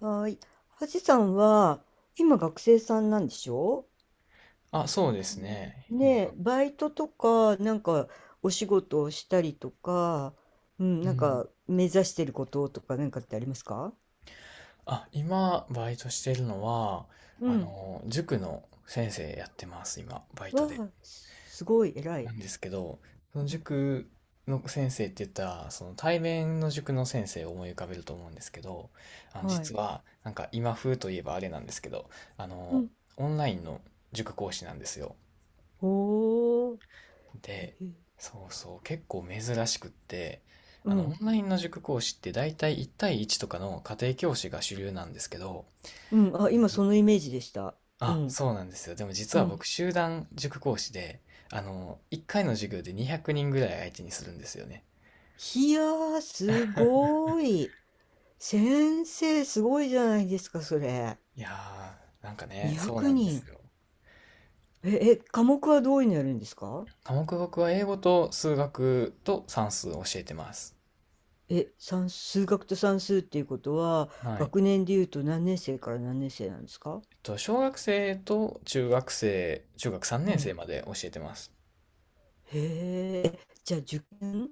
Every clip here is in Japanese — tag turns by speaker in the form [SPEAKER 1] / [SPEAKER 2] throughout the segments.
[SPEAKER 1] はーい。はじさんは、今学生さんなんでしょ？
[SPEAKER 2] あ、そうですね。
[SPEAKER 1] ね
[SPEAKER 2] 今
[SPEAKER 1] え、
[SPEAKER 2] が。
[SPEAKER 1] バイトとか、お仕事をしたりとか、うん、
[SPEAKER 2] うん。
[SPEAKER 1] 目指してることとか、なんかってありますか？
[SPEAKER 2] あ、今、バイトしてるのは、
[SPEAKER 1] うん。
[SPEAKER 2] 塾の先生やってます、今、バイ
[SPEAKER 1] わ
[SPEAKER 2] トで。
[SPEAKER 1] あ、すごい、偉
[SPEAKER 2] な
[SPEAKER 1] い。
[SPEAKER 2] んですけど、その
[SPEAKER 1] うん。
[SPEAKER 2] 塾の先生って言ったら、その対面の塾の先生を思い浮かべると思うんですけど、
[SPEAKER 1] はい。
[SPEAKER 2] 実は、なんか今風といえばあれなんですけど、あ
[SPEAKER 1] う
[SPEAKER 2] の、
[SPEAKER 1] ん。
[SPEAKER 2] オンラインの塾講師なんですよ。
[SPEAKER 1] おー。へ
[SPEAKER 2] で、
[SPEAKER 1] へ。
[SPEAKER 2] そうそう、結構珍しくって、
[SPEAKER 1] う
[SPEAKER 2] オ
[SPEAKER 1] ん。
[SPEAKER 2] ンラインの塾講師って大体1対1とかの家庭教師が主流なんですけど、
[SPEAKER 1] うん。
[SPEAKER 2] あ
[SPEAKER 1] あ、今
[SPEAKER 2] の、
[SPEAKER 1] そのイメージでした。う
[SPEAKER 2] あ、
[SPEAKER 1] ん。
[SPEAKER 2] そうなんですよ。でも実
[SPEAKER 1] う
[SPEAKER 2] は
[SPEAKER 1] ん。
[SPEAKER 2] 僕、集団塾講師で、1回の授業で200人ぐらい相手にするんですよね。
[SPEAKER 1] いやー、すごい。先生、すごいじゃないですか、それ。
[SPEAKER 2] いやー、なんかね、
[SPEAKER 1] 200
[SPEAKER 2] そうなんです
[SPEAKER 1] 人。
[SPEAKER 2] よ。
[SPEAKER 1] 科目はどういうのやるんですか？
[SPEAKER 2] 科目僕は英語と数学と算数を教えてます。
[SPEAKER 1] え、数学と算数っていうことは、
[SPEAKER 2] はい。
[SPEAKER 1] 学年でいうと何年生から何年生なんですか？
[SPEAKER 2] 小学生と中学生、中学3
[SPEAKER 1] う
[SPEAKER 2] 年生
[SPEAKER 1] ん。
[SPEAKER 2] まで教えてます。
[SPEAKER 1] へえ、じゃあ受験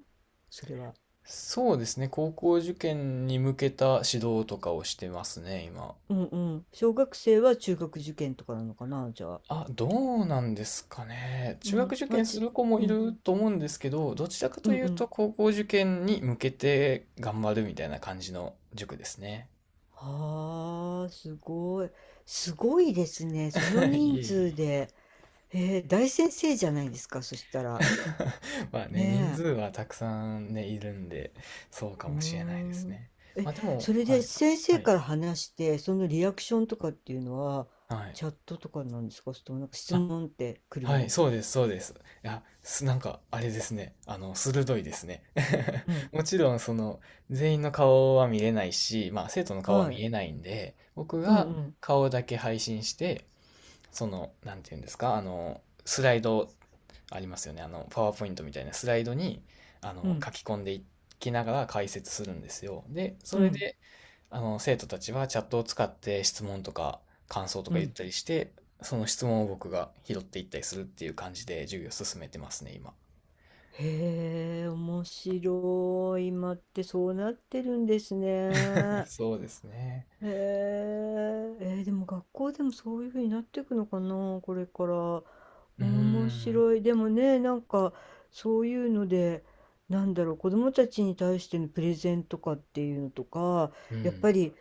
[SPEAKER 1] それは。
[SPEAKER 2] そうですね。高校受験に向けた指導とかをしてますね、今。
[SPEAKER 1] うんうん。小学生は中学受験とかなのかな、じゃあ。
[SPEAKER 2] あ、どうなんですかね。
[SPEAKER 1] う
[SPEAKER 2] 中学
[SPEAKER 1] ん。
[SPEAKER 2] 受験する子も
[SPEAKER 1] う
[SPEAKER 2] い
[SPEAKER 1] ん、
[SPEAKER 2] ると思うんですけど、どちらか
[SPEAKER 1] う
[SPEAKER 2] と
[SPEAKER 1] ん
[SPEAKER 2] い
[SPEAKER 1] う
[SPEAKER 2] うと
[SPEAKER 1] ん。
[SPEAKER 2] 高校受験に向けて頑張るみたいな感じの塾ですね。
[SPEAKER 1] はあ、すごい。すごいですね。その
[SPEAKER 2] い
[SPEAKER 1] 人
[SPEAKER 2] えい
[SPEAKER 1] 数
[SPEAKER 2] え。
[SPEAKER 1] で。えー、大先生じゃないですか、そしたら。
[SPEAKER 2] まあね、人
[SPEAKER 1] ね
[SPEAKER 2] 数
[SPEAKER 1] え。
[SPEAKER 2] はたくさんね、いるんで、そうか
[SPEAKER 1] うー
[SPEAKER 2] もしれないです
[SPEAKER 1] ん。
[SPEAKER 2] ね。
[SPEAKER 1] え、
[SPEAKER 2] まあで
[SPEAKER 1] そ
[SPEAKER 2] も、
[SPEAKER 1] れ
[SPEAKER 2] は
[SPEAKER 1] で
[SPEAKER 2] い。
[SPEAKER 1] 先
[SPEAKER 2] は
[SPEAKER 1] 生
[SPEAKER 2] い。
[SPEAKER 1] から話して、そのリアクションとかっていうのは、
[SPEAKER 2] はい。
[SPEAKER 1] チャットとかなんですか、それともなんか質問って来る
[SPEAKER 2] はい、
[SPEAKER 1] の？
[SPEAKER 2] そうです、そうです。いや、なんか、あれですね。鋭いですね。
[SPEAKER 1] う ん。
[SPEAKER 2] もちろん、その、全員の顔は見れないし、まあ、生徒の顔は
[SPEAKER 1] は
[SPEAKER 2] 見
[SPEAKER 1] い。
[SPEAKER 2] えないんで、僕
[SPEAKER 1] うん
[SPEAKER 2] が
[SPEAKER 1] うん。
[SPEAKER 2] 顔だけ配信して、その、なんていうんですか、スライドありますよね。パワーポイントみたいなスライドに、
[SPEAKER 1] うん。
[SPEAKER 2] 書き込んでいきながら解説するんですよ。で、そ
[SPEAKER 1] う
[SPEAKER 2] れ
[SPEAKER 1] ん。
[SPEAKER 2] で、生徒たちはチャットを使って質問とか感想と
[SPEAKER 1] う
[SPEAKER 2] か言っ
[SPEAKER 1] ん。
[SPEAKER 2] たりして、その質問を僕が拾っていったりするっていう感じで授業を進めてますね、今。
[SPEAKER 1] へえ、面白い。今ってそうなってるんですね。
[SPEAKER 2] そうですね。
[SPEAKER 1] へえ、えーでも学校でもそういうふうになっていくのかな、これから。
[SPEAKER 2] うー
[SPEAKER 1] 面
[SPEAKER 2] ん。
[SPEAKER 1] 白い。でもね、なんかそういうので、なんだろう、子供たちに対してのプレゼンとかっていうのとか、
[SPEAKER 2] う
[SPEAKER 1] やっ
[SPEAKER 2] ん。
[SPEAKER 1] ぱり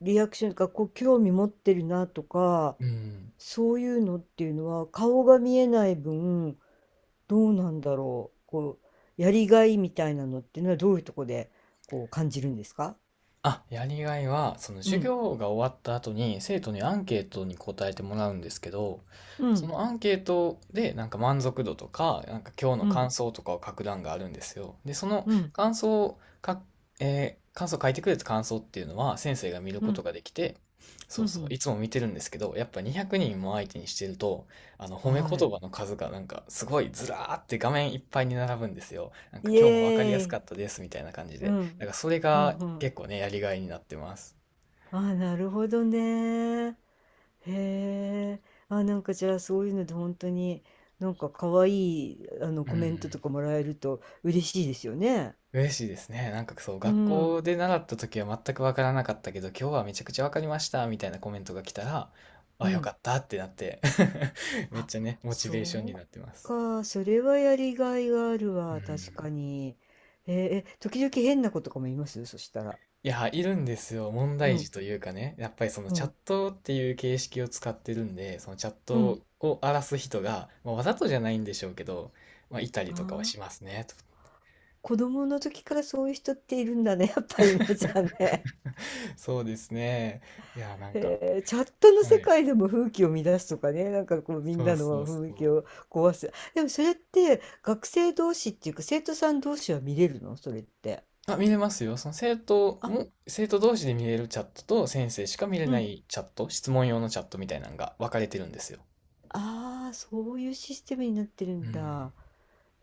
[SPEAKER 1] リアクションとか、こう興味持ってるなとか、
[SPEAKER 2] うん。
[SPEAKER 1] そういうのっていうのは顔が見えない分、どうなんだろう、こうやりがいみたいなのっていうのはどういうとこでこう感じるんですか？
[SPEAKER 2] あ、やりがいは、その
[SPEAKER 1] う
[SPEAKER 2] 授
[SPEAKER 1] ん、
[SPEAKER 2] 業が終わった後に生徒にアンケートに答えてもらうんですけど、
[SPEAKER 1] う
[SPEAKER 2] そ
[SPEAKER 1] ん、
[SPEAKER 2] のアンケートでなんか満足度とか、なんか今日の
[SPEAKER 1] うん、
[SPEAKER 2] 感想とかを書く欄があるんですよ。で、その
[SPEAKER 1] うん、
[SPEAKER 2] 感想をか、えー感想書いてくれた感想っていうのは先生が見る
[SPEAKER 1] う
[SPEAKER 2] こと
[SPEAKER 1] ん、
[SPEAKER 2] ができて、そ
[SPEAKER 1] う
[SPEAKER 2] う
[SPEAKER 1] ん、う
[SPEAKER 2] そう、い
[SPEAKER 1] ん、
[SPEAKER 2] つも見てるんですけど、やっぱ200人も相手にしてると、あの褒め
[SPEAKER 1] は
[SPEAKER 2] 言
[SPEAKER 1] い。
[SPEAKER 2] 葉の数がなんかすごいずらーって画面いっぱいに並ぶんですよ。なんか
[SPEAKER 1] イ
[SPEAKER 2] 今日もわかりや
[SPEAKER 1] エ
[SPEAKER 2] す
[SPEAKER 1] ー
[SPEAKER 2] か
[SPEAKER 1] イ。
[SPEAKER 2] ったですみたいな感じ
[SPEAKER 1] う
[SPEAKER 2] で。な
[SPEAKER 1] ん、
[SPEAKER 2] んかそれ
[SPEAKER 1] う
[SPEAKER 2] が
[SPEAKER 1] ん、うん。
[SPEAKER 2] 結構ね、やりがいになってます。
[SPEAKER 1] あ、なるほどね。へえ。あ、なんかじゃあそういうので本当になんか可愛いあの
[SPEAKER 2] う
[SPEAKER 1] コメントと
[SPEAKER 2] ん。
[SPEAKER 1] かもらえると嬉しいですよね。
[SPEAKER 2] 嬉しいですね。なんかそう、
[SPEAKER 1] う
[SPEAKER 2] 学
[SPEAKER 1] ん、
[SPEAKER 2] 校で習った時は全くわからなかったけど、今日はめちゃくちゃわかりましたみたいなコメントが来たら、
[SPEAKER 1] う
[SPEAKER 2] あ、よか
[SPEAKER 1] ん。
[SPEAKER 2] ったってなって めっ
[SPEAKER 1] あ、
[SPEAKER 2] ちゃね、モチ
[SPEAKER 1] そ
[SPEAKER 2] ベーションに
[SPEAKER 1] う
[SPEAKER 2] なってます。
[SPEAKER 1] か。それはやりがいがある
[SPEAKER 2] う
[SPEAKER 1] わ。確か
[SPEAKER 2] ん。
[SPEAKER 1] に。えー、え、時々変な子とかもいますそしたら？
[SPEAKER 2] いや、いるんですよ。問
[SPEAKER 1] う
[SPEAKER 2] 題児
[SPEAKER 1] ん、
[SPEAKER 2] というかね、やっぱりその
[SPEAKER 1] う
[SPEAKER 2] チャッ
[SPEAKER 1] ん、
[SPEAKER 2] トっていう形式を使ってるんで、そのチャッ
[SPEAKER 1] う
[SPEAKER 2] ト
[SPEAKER 1] ん。
[SPEAKER 2] を荒らす人が、まあ、わざとじゃないんでしょうけど、まあ、いたり
[SPEAKER 1] あ
[SPEAKER 2] とかは
[SPEAKER 1] あ、
[SPEAKER 2] しますね。と
[SPEAKER 1] 子供の時からそういう人っているんだね。やっぱりね、じゃあね。
[SPEAKER 2] そうですね。いや、なんか、
[SPEAKER 1] へえ、チャットの
[SPEAKER 2] は
[SPEAKER 1] 世
[SPEAKER 2] い。
[SPEAKER 1] 界でも風紀を乱すとかね、なんかこうみん
[SPEAKER 2] そ
[SPEAKER 1] な
[SPEAKER 2] うそう
[SPEAKER 1] の雰囲気
[SPEAKER 2] そ
[SPEAKER 1] を壊す。でもそれって学生同士っていうか生徒さん同士は見れるのそれって？
[SPEAKER 2] う。あ、見れますよ。その生徒
[SPEAKER 1] あ、
[SPEAKER 2] も、生徒同士で見れるチャットと先生しか見れ
[SPEAKER 1] う
[SPEAKER 2] な
[SPEAKER 1] ん。
[SPEAKER 2] いチャット、質問用のチャットみたいなのが分かれてるんですよ。
[SPEAKER 1] ああ、そういうシステムになってる
[SPEAKER 2] う
[SPEAKER 1] ん
[SPEAKER 2] ん。
[SPEAKER 1] だ。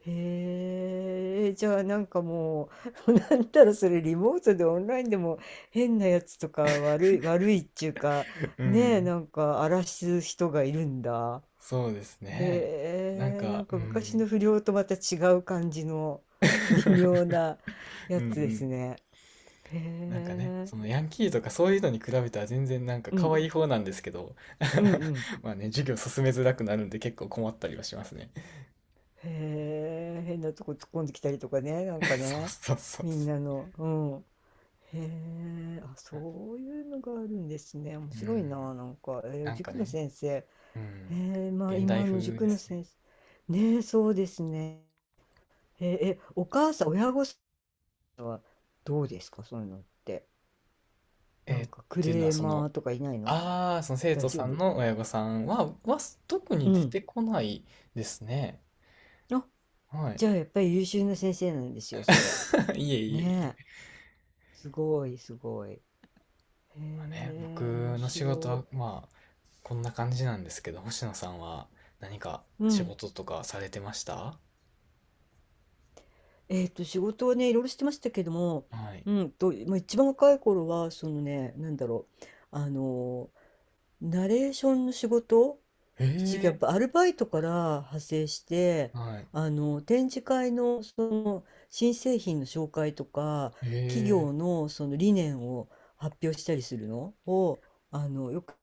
[SPEAKER 1] へえ、じゃあなんかもう、なんだろう、それリモートでオンラインでも変なやつとか悪い、悪いっていうか、
[SPEAKER 2] う
[SPEAKER 1] ねえ、
[SPEAKER 2] ん。
[SPEAKER 1] なんか荒らす人がいるんだ。
[SPEAKER 2] そうですね。
[SPEAKER 1] へ
[SPEAKER 2] なん
[SPEAKER 1] え、な
[SPEAKER 2] か、
[SPEAKER 1] ん
[SPEAKER 2] う
[SPEAKER 1] か昔
[SPEAKER 2] ん。
[SPEAKER 1] の不良とまた違う感じの 微妙 なや
[SPEAKER 2] うんう
[SPEAKER 1] つです
[SPEAKER 2] ん。
[SPEAKER 1] ね。へ
[SPEAKER 2] なんかね、
[SPEAKER 1] え、
[SPEAKER 2] そのヤンキーとかそういうのに比べたら全然なんか
[SPEAKER 1] う
[SPEAKER 2] 可
[SPEAKER 1] ん、
[SPEAKER 2] 愛い方なんですけど、
[SPEAKER 1] うん、うん。
[SPEAKER 2] まあね、授業進めづらくなるんで結構困ったりはしますね。
[SPEAKER 1] へえ、変なとこ突っ込んできたりとかね、な んかね、
[SPEAKER 2] そうそうそう
[SPEAKER 1] みん
[SPEAKER 2] そ
[SPEAKER 1] なの、うん。へえ、あ、
[SPEAKER 2] う。
[SPEAKER 1] そういうのがあるんですね。面
[SPEAKER 2] う
[SPEAKER 1] 白い
[SPEAKER 2] ん。
[SPEAKER 1] な、なんか。えー
[SPEAKER 2] なんか
[SPEAKER 1] 塾の
[SPEAKER 2] ね、
[SPEAKER 1] 先生。へ
[SPEAKER 2] うん。
[SPEAKER 1] え、まあ
[SPEAKER 2] 現代
[SPEAKER 1] 今
[SPEAKER 2] 風
[SPEAKER 1] の塾
[SPEAKER 2] で
[SPEAKER 1] の
[SPEAKER 2] すね。
[SPEAKER 1] 先生。ねえ、そうですね。へえ、えお母さん、親御さん、どうですか、そういうのって。な
[SPEAKER 2] えー
[SPEAKER 1] ん
[SPEAKER 2] っ
[SPEAKER 1] かク
[SPEAKER 2] ていうのは、
[SPEAKER 1] レー
[SPEAKER 2] その、
[SPEAKER 1] マーとかいないの？
[SPEAKER 2] ああ、その生徒
[SPEAKER 1] 大
[SPEAKER 2] さ
[SPEAKER 1] 丈
[SPEAKER 2] ん
[SPEAKER 1] 夫？
[SPEAKER 2] の親御さんは、特
[SPEAKER 1] う
[SPEAKER 2] に出
[SPEAKER 1] ん。
[SPEAKER 2] てこないですね。
[SPEAKER 1] あ、
[SPEAKER 2] は
[SPEAKER 1] じ
[SPEAKER 2] い。
[SPEAKER 1] ゃあやっぱり優秀な先生なんですよ、それ。
[SPEAKER 2] いえいえい
[SPEAKER 1] ねえ。
[SPEAKER 2] え。
[SPEAKER 1] すごい、すごい。へ
[SPEAKER 2] まあね、
[SPEAKER 1] え、面
[SPEAKER 2] 僕の仕事
[SPEAKER 1] 白
[SPEAKER 2] は、まあ、こんな感じなんですけど、星野さんは何か
[SPEAKER 1] い。う
[SPEAKER 2] 仕
[SPEAKER 1] ん。
[SPEAKER 2] 事とかされてました？
[SPEAKER 1] えっと、仕事はね、いろいろしてましたけども、
[SPEAKER 2] はい。
[SPEAKER 1] うんと、まあ、一番若い頃は、そのね、なんだろう。あのナレーションの仕事一時やっ
[SPEAKER 2] え
[SPEAKER 1] ぱアルバイトから派生して
[SPEAKER 2] え。はい。
[SPEAKER 1] あの展示会のその新製品の紹介とか企
[SPEAKER 2] ええ。
[SPEAKER 1] 業のその理念を発表したりするのをあのよく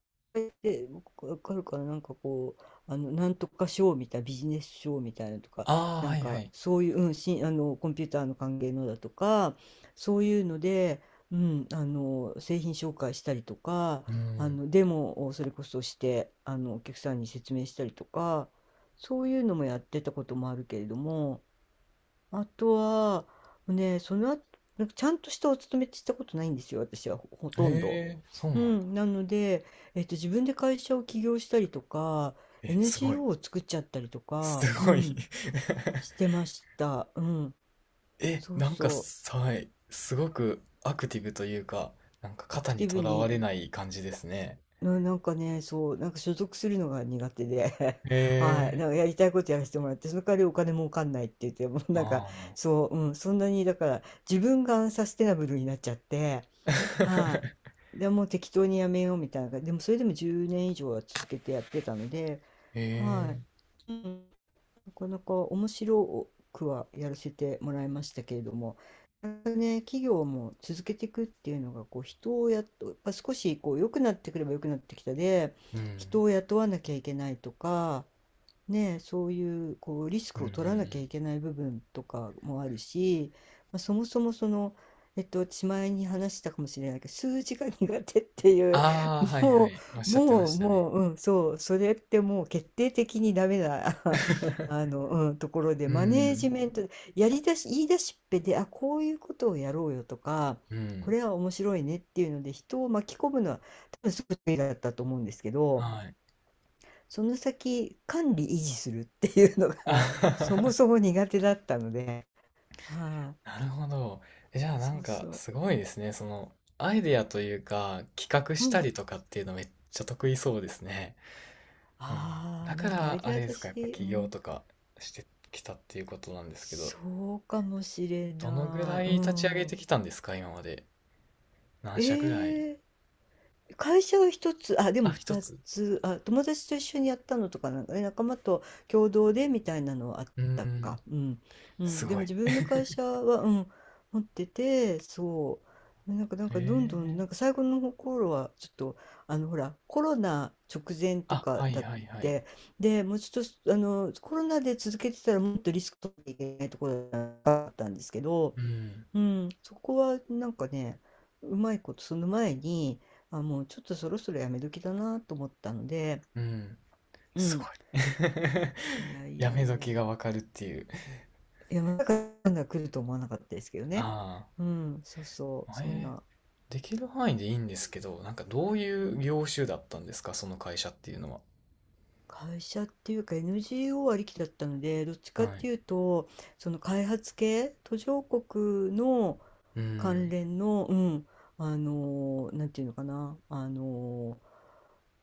[SPEAKER 1] で僕わかるからなんかこうあのなんとかショーみたいなビジネスショーみたいなのとか
[SPEAKER 2] ああ、
[SPEAKER 1] な
[SPEAKER 2] は
[SPEAKER 1] ん
[SPEAKER 2] いは
[SPEAKER 1] か
[SPEAKER 2] い。
[SPEAKER 1] そういう、うん、あのコンピューターの関係のだとかそういうので、うん、あの製品紹介したりとか
[SPEAKER 2] う
[SPEAKER 1] あ
[SPEAKER 2] ん。
[SPEAKER 1] のデモをそれこそしてあのお客さんに説明したりとかそういうのもやってたこともあるけれどもあとは、ね、その後、なんかちゃんとしたお勤めってしたことないんですよ、私はほとんど。
[SPEAKER 2] ええ、そう
[SPEAKER 1] う
[SPEAKER 2] なんだ。
[SPEAKER 1] ん、なので、えっと、自分で会社を起業したりとか、
[SPEAKER 2] え、すごい。
[SPEAKER 1] NGO を作っちゃったりと
[SPEAKER 2] す
[SPEAKER 1] か、う
[SPEAKER 2] ごい。
[SPEAKER 1] ん、してました。うん、
[SPEAKER 2] え、
[SPEAKER 1] そう
[SPEAKER 2] なんか
[SPEAKER 1] そ
[SPEAKER 2] さ、はい、すごくアクティブというか、なんか
[SPEAKER 1] う、ア
[SPEAKER 2] 肩
[SPEAKER 1] クテ
[SPEAKER 2] に
[SPEAKER 1] ィ
[SPEAKER 2] と
[SPEAKER 1] ブ
[SPEAKER 2] らわ
[SPEAKER 1] に、
[SPEAKER 2] れない感じですね。
[SPEAKER 1] なんかね、そう、なんか所属するのが苦手で、
[SPEAKER 2] へ
[SPEAKER 1] はい、
[SPEAKER 2] え、
[SPEAKER 1] なんかやりたいことやらせてもらって、その代わりお金儲かんないって言って、もう
[SPEAKER 2] あ
[SPEAKER 1] なんか、
[SPEAKER 2] あ。
[SPEAKER 1] そう、うん、そんなに、だから、自分がアンサステナブルになっちゃって、は い。でもう適当にやめようみたいな感じ。でもそれでも10年以上は続けてやってたので、
[SPEAKER 2] へ
[SPEAKER 1] は
[SPEAKER 2] え、
[SPEAKER 1] い。うん、なかなか面白くはやらせてもらいましたけれども、なんかね、企業も続けていくっていうのが、こう人をやっと、やっぱ少しこう良くなってくれば良くなってきたで、
[SPEAKER 2] うん、
[SPEAKER 1] 人を雇わなきゃいけないとか、ね、そういうこうリス
[SPEAKER 2] うん、
[SPEAKER 1] ク
[SPEAKER 2] うん、う
[SPEAKER 1] を取らなきゃい
[SPEAKER 2] ん。
[SPEAKER 1] けない部分とかもあるし、まあ、そもそもその、えっと、私前に話したかもしれないけど数字が苦手っていう
[SPEAKER 2] ああ、はいは
[SPEAKER 1] もう
[SPEAKER 2] い、おっしゃってま
[SPEAKER 1] もう
[SPEAKER 2] したね。
[SPEAKER 1] もう、うん、そうそれってもう決定的にダメな あ の、うん、ところで
[SPEAKER 2] う
[SPEAKER 1] マネージ
[SPEAKER 2] ん、
[SPEAKER 1] メントやりだし言い出しっぺであこういうことをやろうよとか
[SPEAKER 2] う
[SPEAKER 1] こ
[SPEAKER 2] ん、
[SPEAKER 1] れは面白いねっていうので人を巻き込むのは多分すごく得意だったと思うんですけど。
[SPEAKER 2] はい。
[SPEAKER 1] その先管理維持するっていうの
[SPEAKER 2] あ
[SPEAKER 1] が
[SPEAKER 2] は
[SPEAKER 1] そも
[SPEAKER 2] は。
[SPEAKER 1] そも苦手だったので、はい、
[SPEAKER 2] なるほど。えじゃあな
[SPEAKER 1] そ
[SPEAKER 2] ん
[SPEAKER 1] う
[SPEAKER 2] か
[SPEAKER 1] そう、
[SPEAKER 2] すごいですね。そのアイデアというか企画
[SPEAKER 1] う
[SPEAKER 2] した
[SPEAKER 1] ん、
[SPEAKER 2] りとかっていうのめっちゃ得意そうですね。うん、
[SPEAKER 1] あ
[SPEAKER 2] だ
[SPEAKER 1] あ、
[SPEAKER 2] か
[SPEAKER 1] なんかアイ
[SPEAKER 2] ら、あ
[SPEAKER 1] デ
[SPEAKER 2] れ
[SPEAKER 1] ア
[SPEAKER 2] で
[SPEAKER 1] だ
[SPEAKER 2] すか、やっぱ
[SPEAKER 1] し、う
[SPEAKER 2] 起業
[SPEAKER 1] ん、
[SPEAKER 2] とかしてきたっていうことなんですけど、
[SPEAKER 1] そうかもしれ
[SPEAKER 2] どのぐ
[SPEAKER 1] な
[SPEAKER 2] ら
[SPEAKER 1] い、
[SPEAKER 2] い
[SPEAKER 1] う
[SPEAKER 2] 立ち上げて
[SPEAKER 1] ん、
[SPEAKER 2] きたんですか、今まで。何社ぐらい？
[SPEAKER 1] ええ会社は一つ、あ、でも
[SPEAKER 2] あ、一
[SPEAKER 1] 二
[SPEAKER 2] つ。
[SPEAKER 1] つ、あ、友達と一緒にやったのとかなんかね、仲間と共同でみたいなのはあっ
[SPEAKER 2] うー
[SPEAKER 1] た
[SPEAKER 2] ん、
[SPEAKER 1] か。うん。う
[SPEAKER 2] す
[SPEAKER 1] ん。で
[SPEAKER 2] ご
[SPEAKER 1] も
[SPEAKER 2] い。
[SPEAKER 1] 自分の会社は、うん、持ってて、そう。なんか、なん
[SPEAKER 2] え
[SPEAKER 1] かどんどん、な
[SPEAKER 2] え。
[SPEAKER 1] んか最後の頃は、ちょっと、あの、ほら、コロナ直前と
[SPEAKER 2] あ、
[SPEAKER 1] か
[SPEAKER 2] はい
[SPEAKER 1] だっ
[SPEAKER 2] はいはい。
[SPEAKER 1] て、で、もうちょっと、あの、コロナで続けてたらもっとリスク取っていけないところだったんですけど、
[SPEAKER 2] うん、
[SPEAKER 1] うん、そこはなんかね、うまいこと、その前に、あ、もうちょっとそろそろやめ時だなと思ったので、
[SPEAKER 2] うん、
[SPEAKER 1] う
[SPEAKER 2] すご
[SPEAKER 1] ん、
[SPEAKER 2] い。
[SPEAKER 1] いや い
[SPEAKER 2] や
[SPEAKER 1] や
[SPEAKER 2] め
[SPEAKER 1] いや、
[SPEAKER 2] 時がわかるっていう。
[SPEAKER 1] いや、まさかこんな来ると思わなかったですけどね。
[SPEAKER 2] あ
[SPEAKER 1] うん、そうそう、
[SPEAKER 2] あ、
[SPEAKER 1] そん
[SPEAKER 2] え
[SPEAKER 1] な。
[SPEAKER 2] ー、できる範囲でいいんですけど、なんかどういう業種だったんですか、その会社っていうのは。
[SPEAKER 1] 会社っていうか NGO ありきだったので、どっちかっ
[SPEAKER 2] はい。
[SPEAKER 1] ていうと、その開発系、途上国の
[SPEAKER 2] う
[SPEAKER 1] 関
[SPEAKER 2] ん、
[SPEAKER 1] 連の、うん、あのなんていうのかな、あの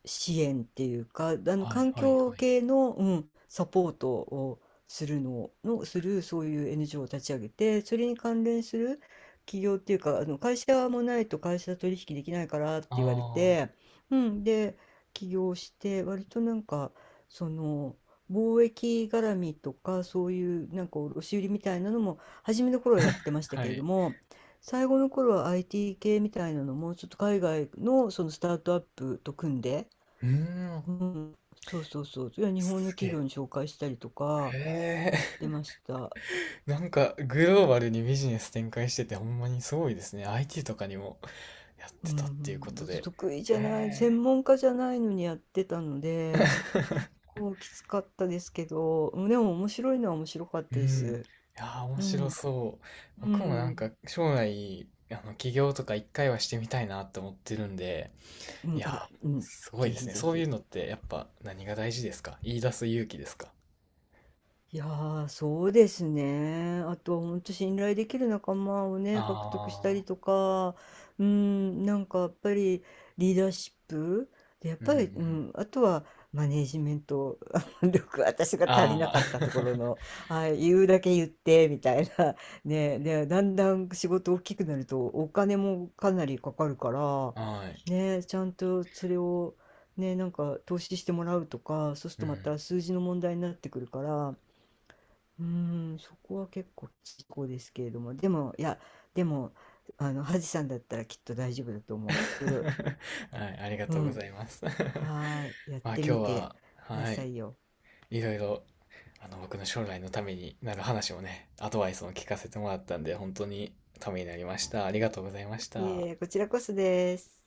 [SPEAKER 1] 支援っていうか、あの
[SPEAKER 2] はい
[SPEAKER 1] 環
[SPEAKER 2] はい
[SPEAKER 1] 境
[SPEAKER 2] はい。
[SPEAKER 1] 系の、うん、サポートをするのの、するそういう NGO を立ち上げて、それに関連する企業っていうか、あの会社もないと会社取引できないからって
[SPEAKER 2] あ
[SPEAKER 1] 言われ
[SPEAKER 2] あ、
[SPEAKER 1] て、うん、で、起業して、割となんか、その、貿易絡みとかそういうなんか卸売みたいなのも初めの頃はやってました
[SPEAKER 2] は
[SPEAKER 1] けれど
[SPEAKER 2] い。
[SPEAKER 1] も、最後の頃は IT 系みたいなのもちょっと海外のそのスタートアップと組んで、
[SPEAKER 2] うーん、
[SPEAKER 1] うん、そうそうそう、いや日本の
[SPEAKER 2] すげ
[SPEAKER 1] 企業
[SPEAKER 2] え。
[SPEAKER 1] に紹介したりとか
[SPEAKER 2] へ
[SPEAKER 1] やって
[SPEAKER 2] え。
[SPEAKER 1] ました。
[SPEAKER 2] なんか、グローバルにビジネス展開してて、ほんまにすごいですね。IT とかにもやっ
[SPEAKER 1] う
[SPEAKER 2] てたっていうこ
[SPEAKER 1] ん、
[SPEAKER 2] と
[SPEAKER 1] だって
[SPEAKER 2] で。
[SPEAKER 1] 得意じゃない、
[SPEAKER 2] へ
[SPEAKER 1] 専
[SPEAKER 2] え。
[SPEAKER 1] 門家じゃないのにやってたので、結 構きつかったですけど、でも面白いのは面白かっ
[SPEAKER 2] う
[SPEAKER 1] たで
[SPEAKER 2] ん。
[SPEAKER 1] す。
[SPEAKER 2] いやー、面
[SPEAKER 1] う
[SPEAKER 2] 白
[SPEAKER 1] ん、
[SPEAKER 2] そう。
[SPEAKER 1] う
[SPEAKER 2] 僕もなん
[SPEAKER 1] ん、
[SPEAKER 2] か、将来、起業とか一回はしてみたいなって思ってるんで、
[SPEAKER 1] う
[SPEAKER 2] い
[SPEAKER 1] ん、
[SPEAKER 2] や
[SPEAKER 1] あ、
[SPEAKER 2] ー、
[SPEAKER 1] うん、
[SPEAKER 2] すごい
[SPEAKER 1] ぜ
[SPEAKER 2] です
[SPEAKER 1] ひ
[SPEAKER 2] ね。
[SPEAKER 1] ぜ
[SPEAKER 2] そういう
[SPEAKER 1] ひ。
[SPEAKER 2] のって、やっぱ、何が大事ですか？言い出す勇気ですか？
[SPEAKER 1] いやー、そうですね。あとは本当信頼できる仲間をね、獲得した
[SPEAKER 2] あ
[SPEAKER 1] りと
[SPEAKER 2] あ
[SPEAKER 1] か、うん、なんかやっぱりリーダーシップで、やっ
[SPEAKER 2] ー、うん
[SPEAKER 1] ぱ
[SPEAKER 2] う
[SPEAKER 1] り、う
[SPEAKER 2] ん。
[SPEAKER 1] ん、あとはマネージメント 力、私が足りな
[SPEAKER 2] あ
[SPEAKER 1] かったところの、はい、言うだけ言って、みたいな。ね、で、だんだん仕事大きくなるとお金もかなりかかるから、
[SPEAKER 2] あ、はい。
[SPEAKER 1] ね、ちゃんとそれを、ね、なんか投資してもらうとか、そうする
[SPEAKER 2] う
[SPEAKER 1] とまた
[SPEAKER 2] ん。
[SPEAKER 1] 数字の問題になってくるから、うーん、そこは結構きこですけれども、でも、いや、でも、あの、ハジさんだったらきっと大丈夫だと思う。いろいろ、
[SPEAKER 2] はい、ありが
[SPEAKER 1] う
[SPEAKER 2] とうご
[SPEAKER 1] ん、
[SPEAKER 2] ざいます。
[SPEAKER 1] はーい、や っ
[SPEAKER 2] まあ今
[SPEAKER 1] て
[SPEAKER 2] 日
[SPEAKER 1] みて
[SPEAKER 2] は、
[SPEAKER 1] くだ
[SPEAKER 2] は
[SPEAKER 1] さ
[SPEAKER 2] い、
[SPEAKER 1] いよ。
[SPEAKER 2] いろいろ、僕の将来のためになる話をね、アドバイスも聞かせてもらったんで、本当にためになりました。ありがとうございまし
[SPEAKER 1] い
[SPEAKER 2] た。
[SPEAKER 1] え、こちらこそです。